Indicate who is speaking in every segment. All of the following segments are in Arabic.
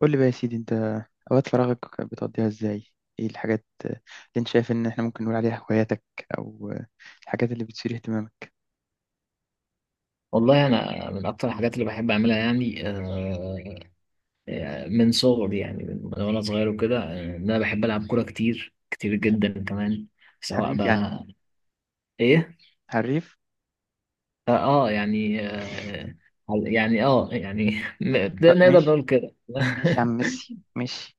Speaker 1: قول لي بقى يا سيدي، انت اوقات فراغك بتقضيها ازاي؟ ايه الحاجات اللي انت شايف ان احنا ممكن نقول عليها هواياتك، او الحاجات اللي بتثير اهتمامك؟
Speaker 2: والله انا من اكتر الحاجات اللي بحب اعملها يعني من صغري يعني من وانا صغير وكده ان انا بحب العب كوره كتير كتير جدا كمان سواء
Speaker 1: حريف يعني؟
Speaker 2: بقى ايه
Speaker 1: حريف؟
Speaker 2: يعني يعني يعني. ده نقدر
Speaker 1: ماشي.
Speaker 2: نقول كده.
Speaker 1: ماشي يا عم ميسي ماشي.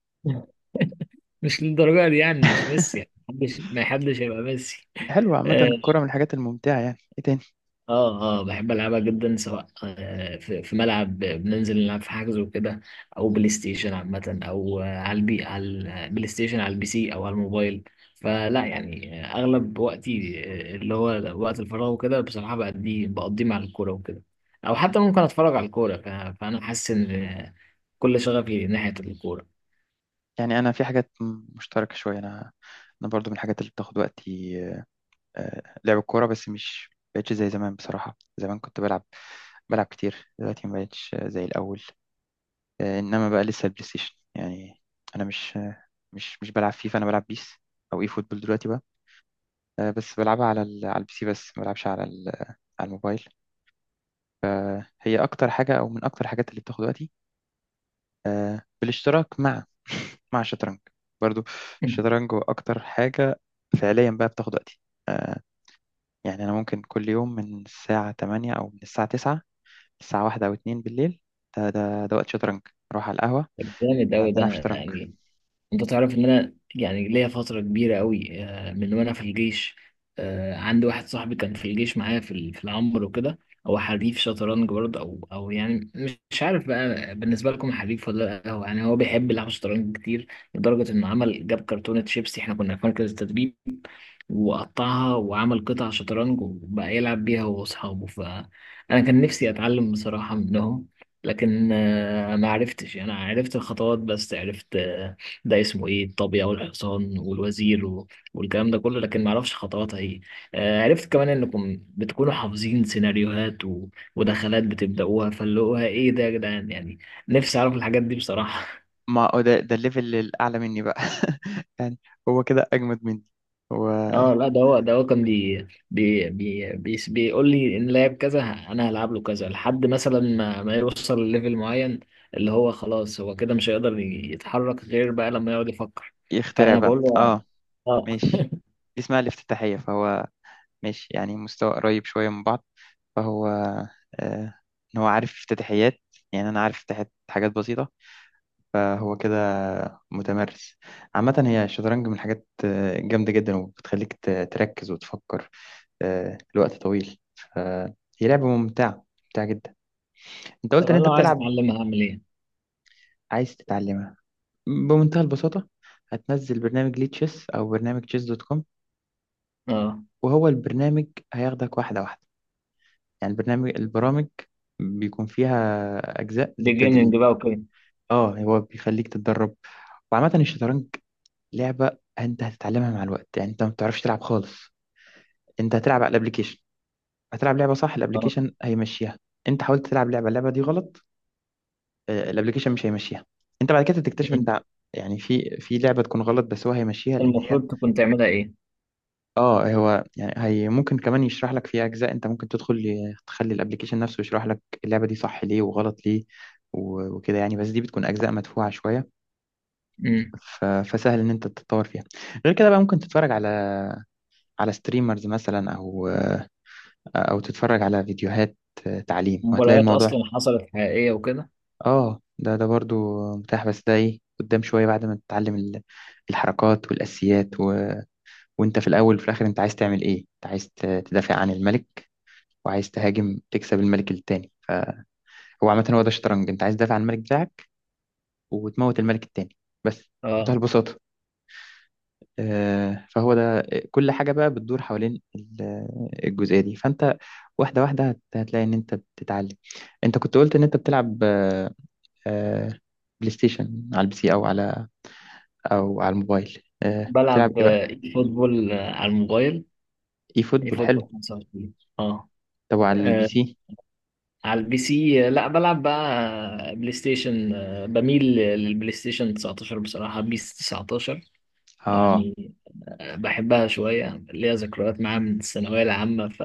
Speaker 2: مش للدرجه دي يعني مش ميسي يعني ما حدش هيبقى ميسي.
Speaker 1: حلو، عامة
Speaker 2: آه،
Speaker 1: الكرة من الحاجات الممتعة. يعني ايه تاني؟
Speaker 2: اه بحب العبها جدا سواء في ملعب بننزل نلعب في حجز وكده، او بلاي ستيشن عامه، او على البلاي ستيشن، على البي سي، او على الموبايل. فلا يعني اغلب وقتي اللي هو وقت الفراغ وكده بصراحه بقضيه مع الكوره وكده، او حتى ممكن اتفرج على الكوره فانا حاسس ان كل شغفي ناحيه الكوره.
Speaker 1: يعني انا في حاجات مشتركة شوية. انا برضو من الحاجات اللي بتاخد وقتي آه، لعب الكورة، بس مش بقتش زي زمان. بصراحة زمان كنت بلعب كتير، دلوقتي ما بقتش زي الأول. انما بقى لسه البلاي ستيشن يعني. انا مش آه، مش مش بلعب فيفا، انا بلعب بيس او اي فوتبول دلوقتي بقى. بس بلعبها على البي سي، بس ما بلعبش على الموبايل. هي اكتر حاجه او من اكتر الحاجات اللي بتاخد وقتي، بالاشتراك مع مع الشطرنج برضو. الشطرنج هو اكتر حاجه فعليا بقى بتاخد وقتي. آه، يعني انا ممكن كل يوم من الساعه 8 او من الساعه 9 الساعه 1 او 2 بالليل ده وقت شطرنج. نروح على القهوه
Speaker 2: جامد
Speaker 1: نقعد
Speaker 2: أوي ده.
Speaker 1: نلعب شطرنج.
Speaker 2: يعني انت تعرف ان انا يعني ليا فترة كبيرة قوي من وانا في الجيش. عندي واحد صاحبي كان في الجيش معايا في العنبر وكده، هو حريف شطرنج برضه او يعني مش عارف بقى بالنسبة لكم حريف ولا لا، هو يعني هو بيحب يلعب شطرنج كتير، لدرجة انه جاب كرتونة شيبسي، احنا كنا في مركز التدريب وقطعها وعمل قطع شطرنج وبقى يلعب بيها هو وأصحابه. فأنا كان نفسي أتعلم بصراحة منهم، لكن ما عرفتش يعني. أنا عرفت الخطوات بس، عرفت ده اسمه إيه، الطابية والحصان والوزير والكلام ده كله، لكن ما أعرفش خطواتها إيه. عرفت كمان إنكم بتكونوا حافظين سيناريوهات ودخلات بتبدأوها، فاللي هو إيه ده يا جدعان، يعني نفسي أعرف الحاجات دي بصراحة.
Speaker 1: ما هو ده الليفل الأعلى مني بقى يعني هو كده أجمد مني. هو
Speaker 2: اه لا، ده هو كان بي بي بي بي بيقول لي ان لعب كذا انا هلعب له كذا، لحد مثلا ما يوصل لليفل معين اللي هو خلاص هو كده مش هيقدر يتحرك غير بقى لما يقعد يفكر.
Speaker 1: يخترع
Speaker 2: فانا
Speaker 1: بقى،
Speaker 2: بقول له
Speaker 1: اه.
Speaker 2: اه.
Speaker 1: ماشي، دي اسمها الافتتاحية. فهو ماشي، يعني مستوى قريب شوية من بعض. فهو آه، إن هو عارف افتتاحيات، يعني أنا عارف افتتاحيات حاجات بسيطة، فهو كده متمرس. عامة هي الشطرنج من الحاجات جامدة جدا، وبتخليك تركز وتفكر لوقت طويل. فهي لعبة ممتعة ممتعة جدا. أنت
Speaker 2: طب
Speaker 1: قلت إن
Speaker 2: انا
Speaker 1: أنت
Speaker 2: لو عايز
Speaker 1: بتلعب.
Speaker 2: اتعلمها هعمل ايه؟
Speaker 1: عايز تتعلمها؟ بمنتهى البساطة، هتنزل برنامج ليه تشيس أو برنامج تشيس دوت كوم،
Speaker 2: اه.
Speaker 1: وهو البرنامج هياخدك واحدة واحدة. يعني البرامج بيكون فيها أجزاء
Speaker 2: بيجيننج
Speaker 1: للتدريب.
Speaker 2: بقى وكده.
Speaker 1: اه، هو بيخليك تتدرب. وعامة الشطرنج لعبة أنت هتتعلمها مع الوقت. يعني أنت ما بتعرفش تلعب خالص، أنت هتلعب على الأبليكيشن، هتلعب لعبة صح
Speaker 2: اه.
Speaker 1: الأبليكيشن هيمشيها. أنت حاولت تلعب اللعبة دي غلط، الأبليكيشن مش هيمشيها. أنت بعد كده تكتشف
Speaker 2: مم.
Speaker 1: أنت يعني في لعبة تكون غلط، بس هو هيمشيها لأن هي،
Speaker 2: المفروض تكون تعملها ايه؟
Speaker 1: اه. هو يعني هي ممكن كمان يشرح لك في اجزاء، انت ممكن تدخل تخلي الابليكيشن نفسه يشرح لك اللعبه دي صح ليه وغلط ليه و- وكده يعني، بس دي بتكون اجزاء مدفوعه شويه.
Speaker 2: مم.
Speaker 1: ف- فسهل ان انت تتطور فيها. غير كده بقى ممكن تتفرج على ستريمرز مثلا، او تتفرج على فيديوهات تعليم، وهتلاقي
Speaker 2: مباريات
Speaker 1: الموضوع.
Speaker 2: اصلا حصلت حقيقية وكده.
Speaker 1: اه ده برضو متاح، بس ده ايه قدام شويه بعد ما تتعلم الحركات والاساسيات وانت في الاول وفي الاخر انت عايز تعمل ايه؟ انت عايز تدافع عن الملك وعايز تهاجم تكسب الملك التاني. فهو عامة هو ده الشطرنج، انت عايز تدافع عن الملك بتاعك وتموت الملك التاني، بس. منتهى
Speaker 2: اه.
Speaker 1: البساطة. فهو ده، كل حاجة بقى بتدور حوالين الجزئية دي. فانت واحدة واحدة هتلاقي ان انت بتتعلم. انت كنت قلت ان انت بتلعب آه، بلاي ستيشن على البي سي او على الموبايل، بتلعب
Speaker 2: بلعب
Speaker 1: ايه بقى؟
Speaker 2: فوتبول على الموبايل.
Speaker 1: اي
Speaker 2: ايه
Speaker 1: فوتبول،
Speaker 2: فوتبول
Speaker 1: حلو.
Speaker 2: 25. اه.
Speaker 1: طب وعلى البي سي؟
Speaker 2: على البي سي لا، بلعب بقى بلاي ستيشن بميل للبلاي ستيشن 19 بصراحة، بيس 19
Speaker 1: اه،
Speaker 2: يعني. بحبها شوية، ليها ذكريات معاها من الثانوية العامة،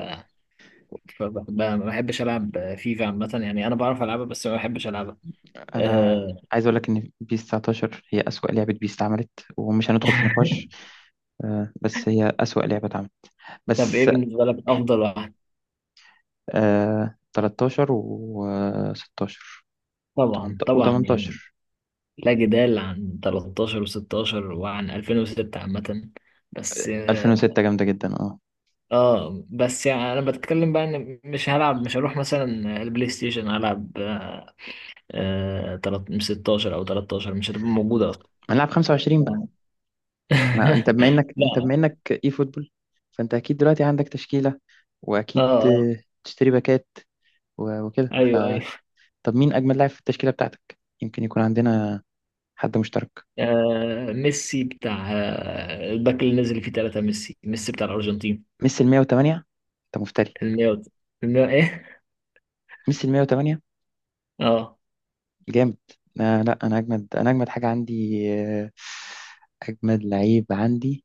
Speaker 2: فبحبها. ما بحبش ألعب فيفا عامة يعني، أنا بعرف ألعبها بس ما بحبش ألعبها.
Speaker 1: انا
Speaker 2: أه...
Speaker 1: عايز اقول لك ان بيس 19 هي اسوأ لعبه بيس اتعملت، ومش هندخل في نقاش، بس هي اسوأ لعبه اتعملت،
Speaker 2: طب إيه
Speaker 1: بس.
Speaker 2: بالنسبة لك أفضل واحد؟
Speaker 1: آه، 13 و16
Speaker 2: طبعا طبعا
Speaker 1: و18.
Speaker 2: يعني، لا جدال عن 13 و16 وعن 2006 عامة. بس
Speaker 1: 2006 جامده جدا، اه.
Speaker 2: اه، بس يعني انا بتكلم بقى ان مش هروح مثلا البلاي ستيشن هلعب آه آه، تلات- 16 او 13، مش هتبقى موجودة اصلا.
Speaker 1: هنلعب 25 بقى.
Speaker 2: آه.
Speaker 1: ما انت بما انك انت
Speaker 2: لا.
Speaker 1: بما انك اي فوتبول، فانت اكيد دلوقتي عندك تشكيله،
Speaker 2: اه
Speaker 1: واكيد
Speaker 2: اه
Speaker 1: تشتري باكات و- وكده، ف
Speaker 2: ايوه ايوه.
Speaker 1: طب مين اجمل لاعب في التشكيله بتاعتك؟ يمكن يكون عندنا حد مشترك.
Speaker 2: ميسي، بتاع الباك اللي نزل فيه ثلاثة ميسي، ميسي بتاع الارجنتين.
Speaker 1: ميسي ال 108؟ انت مفتري.
Speaker 2: المية؟ المية ايه؟
Speaker 1: ميسي ال 108،
Speaker 2: اه.
Speaker 1: جامد. آه لا، انا اجمد، انا اجمد حاجه عندي آه، اجمد لعيب عندي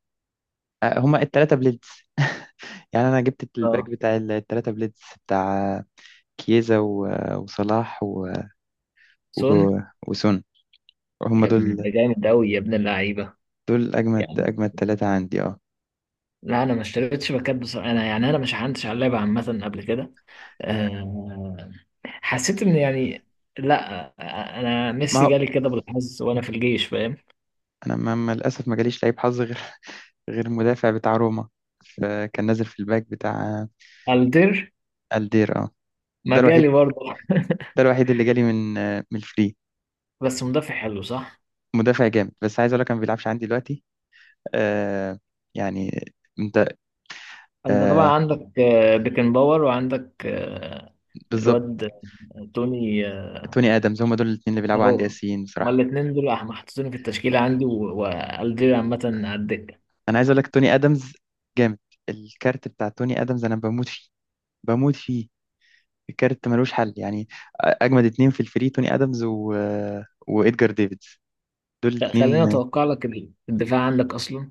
Speaker 1: آه، هما الثلاثه بليدز. يعني انا جبت الباك
Speaker 2: اه.
Speaker 1: بتاع الثلاثه بليدز، بتاع كيزا و- وصلاح و- وجو
Speaker 2: سون.
Speaker 1: وسون. هما
Speaker 2: يا ابن
Speaker 1: دول
Speaker 2: ده جامد قوي يا ابن اللعيبة.
Speaker 1: دول اجمد
Speaker 2: يعني
Speaker 1: اجمد ثلاثه عندي، اه.
Speaker 2: لا، انا ما اشتريتش باكات بصراحة، انا يعني انا مش عندش على اللعبة عامة قبل كده. آه حسيت ان يعني لا. انا
Speaker 1: ما
Speaker 2: ميسي
Speaker 1: هو
Speaker 2: جالي كده بالحظ وانا في الجيش، فاهم؟
Speaker 1: انا للاسف ما جاليش لعيب حظ غير غير المدافع بتاع روما، فكان نازل في الباك بتاع
Speaker 2: الدير
Speaker 1: الدير، اه.
Speaker 2: ما
Speaker 1: ده
Speaker 2: جالي
Speaker 1: الوحيد،
Speaker 2: برضه.
Speaker 1: ده الوحيد اللي جالي من من الفري.
Speaker 2: بس مدافع حلو، صح؟
Speaker 1: مدافع جامد، بس عايز اقول لك انا ما بيلعبش عندي دلوقتي. آه يعني، انت،
Speaker 2: انت طبعا
Speaker 1: آه
Speaker 2: عندك بيكن باور، وعندك
Speaker 1: بالظبط.
Speaker 2: الواد توني.
Speaker 1: توني ادمز، هم دول الاثنين اللي بيلعبوا عندي
Speaker 2: اهو.
Speaker 1: اساسيين
Speaker 2: هما
Speaker 1: بصراحه.
Speaker 2: الاتنين دول محطوطين في التشكيلة عندي، والدير عامة على الدكة.
Speaker 1: انا عايز اقول لك توني ادمز جامد. الكارت بتاع توني ادمز انا بموت فيه، بموت فيه. الكارت ملوش حل يعني. اجمد اتنين في الفري توني ادمز و... وادجار ديفيدز، دول
Speaker 2: لا،
Speaker 1: الاثنين.
Speaker 2: خليني اتوقع لك الدفاع عندك اصلا.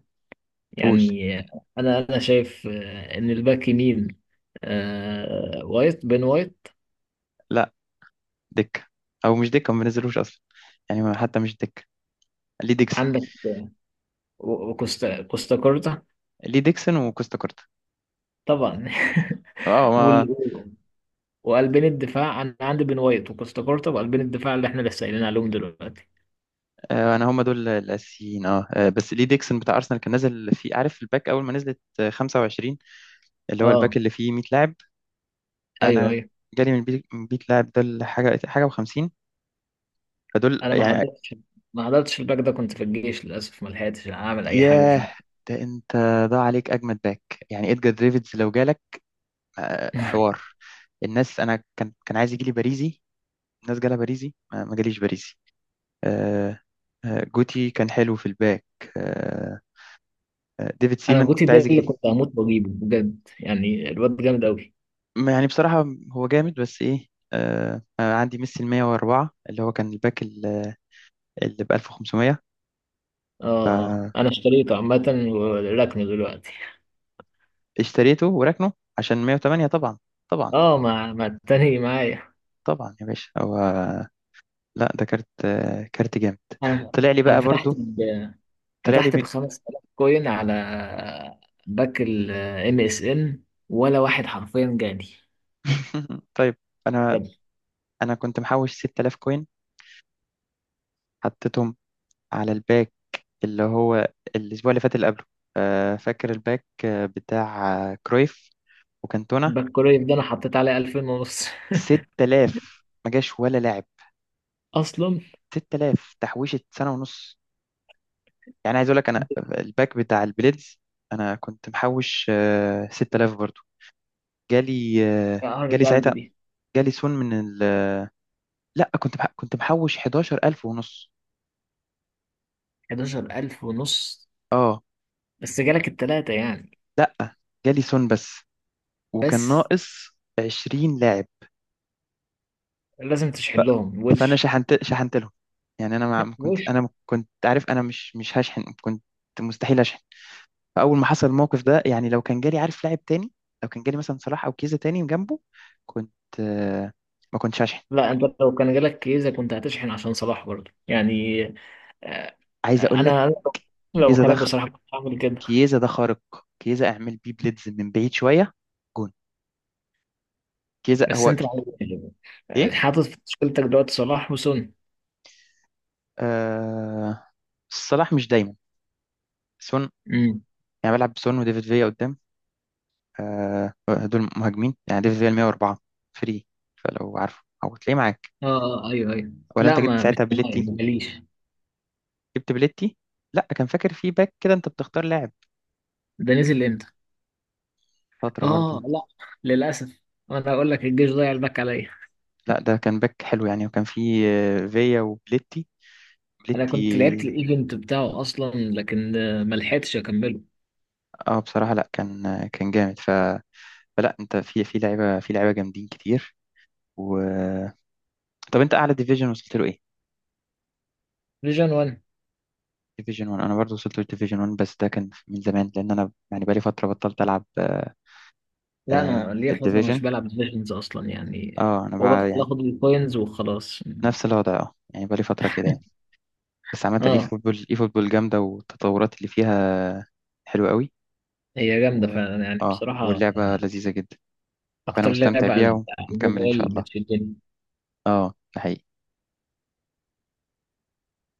Speaker 1: قول.
Speaker 2: يعني انا شايف ان الباك يمين بين وايت
Speaker 1: لا، دكه. او مش دكه، ما بنزلوش اصلا يعني، حتى مش دكه. لي ديكسون.
Speaker 2: عندك، وكوستا كوستاكورتا
Speaker 1: لي ديكسون. وكوستا كورتا،
Speaker 2: طبعا.
Speaker 1: اه.
Speaker 2: وال... وقلبين الدفاع انا عندي بين وايت وكوستاكورتا، وقلبين الدفاع اللي احنا لسه قايلين عليهم دلوقتي.
Speaker 1: آه، انا هم دول الاساسيين، اه. بس ليه ديكسون بتاع ارسنال كان نازل فيه، عارف الباك اول ما نزلت 25، اللي هو الباك
Speaker 2: اه
Speaker 1: اللي فيه 100 لاعب.
Speaker 2: ايوه
Speaker 1: انا
Speaker 2: ايوه.
Speaker 1: جالي من البيت من 100 لاعب ده لحاجه حاجه و50. فدول
Speaker 2: انا ما
Speaker 1: يعني.
Speaker 2: حضرتش ما حضرتش الباك ده، كنت في الجيش للاسف، ما لحقتش اعمل اي حاجه
Speaker 1: ياه،
Speaker 2: فيه.
Speaker 1: ده انت ضاع عليك اجمد باك. يعني ادجار ديفيدز لو جالك، حوار. الناس، انا كان عايز يجي لي باريزي. الناس جالها باريزي، ما جاليش باريزي. آه، جوتي كان حلو في الباك. آه، ديفيد
Speaker 2: انا
Speaker 1: سيمان
Speaker 2: جوتي
Speaker 1: كنت عايز
Speaker 2: ده اللي
Speaker 1: يجي.
Speaker 2: كنت هموت واجيبه بجد، يعني الواد جامد قوي.
Speaker 1: يعني بصراحة هو جامد، بس إيه، آه، أنا عندي ميسي ال 104 اللي هو كان الباك اللي ب 1500،
Speaker 2: اه اه، انا اشتريته عامه وركنه دلوقتي.
Speaker 1: اشتريته وراكنه عشان 108. طبعا، طبعا
Speaker 2: اه، مع التاني معايا.
Speaker 1: طبعا يا باشا. هو، لا، ده كارت كارت جامد،
Speaker 2: انا
Speaker 1: طلع لي
Speaker 2: انا
Speaker 1: بقى برضو. طلع لي
Speaker 2: فتحت ب
Speaker 1: من...
Speaker 2: 5000 كوين على باك الام اس ان، ولا واحد حرفيا جالي
Speaker 1: طيب. أنا
Speaker 2: بجد.
Speaker 1: أنا كنت محوش 6000 كوين، حطيتهم على الباك اللي هو الأسبوع اللي فات اللي قبله. آه، فاكر الباك بتاع كرويف وكانتونا.
Speaker 2: باك كورير ده انا حطيت عليه 2000 ونص.
Speaker 1: 6000 ما جاش ولا لاعب.
Speaker 2: اصلا،
Speaker 1: 6000 تحويشة سنة ونص، يعني. عايز اقول لك انا الباك بتاع البليدز انا كنت محوش 6000 برضو. جالي
Speaker 2: يا عارف
Speaker 1: جالي
Speaker 2: قلبي
Speaker 1: ساعتها،
Speaker 2: دي.
Speaker 1: جالي سون من لا، كنت محوش 11000 ونص،
Speaker 2: 11000 ونص؟
Speaker 1: اه.
Speaker 2: بس جالك التلاتة يعني؟
Speaker 1: لا، جالي سون بس، وكان
Speaker 2: بس
Speaker 1: ناقص 20 لاعب.
Speaker 2: لازم تشحن لهم،
Speaker 1: فانا
Speaker 2: وش.
Speaker 1: شحنت، شحنت لهم. يعني انا،
Speaker 2: وش.
Speaker 1: ما كنت عارف انا مش هشحن، كنت مستحيل اشحن. فاول ما حصل الموقف ده يعني لو كان جالي، عارف، لاعب تاني، لو كان جالي مثلا صلاح او كيزا تاني جنبه، كنت، آه، ما كنتش هشحن.
Speaker 2: لا، انت لو كان جالك كيزة كنت هتشحن عشان صلاح برضه يعني. آه،
Speaker 1: عايز اقول لك
Speaker 2: انا لو
Speaker 1: كيزا ده
Speaker 2: مكانك بصراحة كنت هعمل كده.
Speaker 1: كيزا ده خارق. كيزا اعمل بيه بليدز من بعيد شويه، جون. كيزا
Speaker 2: بس
Speaker 1: هو
Speaker 2: انت
Speaker 1: ك... ايه؟
Speaker 2: حاطط في مشكلتك دلوقتي صلاح وسون.
Speaker 1: آه... صلاح مش دايما، سون، يعني بلعب بسون وديفيد فيا قدام. آه... دول مهاجمين، يعني ديفيد فيا 104 فري، فلو عارفه او تلاقيه معاك؟
Speaker 2: اه ايوه ايوه.
Speaker 1: ولا انت
Speaker 2: لا،
Speaker 1: جبت
Speaker 2: ما مش
Speaker 1: ساعتها
Speaker 2: معايا،
Speaker 1: بليتي؟
Speaker 2: ما جاليش.
Speaker 1: جبت بليتي؟ لا، كان فاكر في باك كده انت بتختار لاعب،
Speaker 2: ده نزل امتى؟
Speaker 1: فتره
Speaker 2: اه
Speaker 1: برضه.
Speaker 2: لا، للاسف. انا اقول لك الجيش ضيع الباك عليا.
Speaker 1: لا، ده كان باك حلو يعني، وكان فيه فيا وبليتي.
Speaker 2: انا كنت لعبت
Speaker 1: بليتي.
Speaker 2: الايفنت بتاعه اصلا لكن ما لحقتش اكمله.
Speaker 1: اه بصراحة لا، كان كان جامد. ف... فلا، انت في لعيبة، في لعيبة جامدين كتير. و طب انت اعلى ديفيجن وصلت له ايه؟
Speaker 2: فيجن 1.
Speaker 1: ديفيجن 1. انا برضه وصلت له ديفيجن 1، بس ده كان من زمان، لان انا يعني بقالي فترة بطلت العب.
Speaker 2: لا،
Speaker 1: آه،
Speaker 2: انا ليا فتره مش
Speaker 1: الديفيجن،
Speaker 2: بلعب فيجنز اصلا يعني.
Speaker 1: اه انا
Speaker 2: هو
Speaker 1: بقى
Speaker 2: بدخل
Speaker 1: يعني
Speaker 2: اخد الكوينز وخلاص.
Speaker 1: نفس الوضع، اه يعني بقالي فترة كده يعني. بس عامة اي
Speaker 2: اه،
Speaker 1: فوتبول، اي فوتبول جامدة، والتطورات اللي فيها حلوة قوي.
Speaker 2: هي جامده
Speaker 1: و...
Speaker 2: فعلا يعني
Speaker 1: اه
Speaker 2: بصراحه.
Speaker 1: واللعبة
Speaker 2: آه،
Speaker 1: لذيذة جدا، فأنا
Speaker 2: اكتر
Speaker 1: مستمتع
Speaker 2: لعبه على
Speaker 1: بيها
Speaker 2: على
Speaker 1: ومكمل إن شاء
Speaker 2: الموبايل
Speaker 1: الله.
Speaker 2: بتشدني
Speaker 1: اه، ده حقيقي.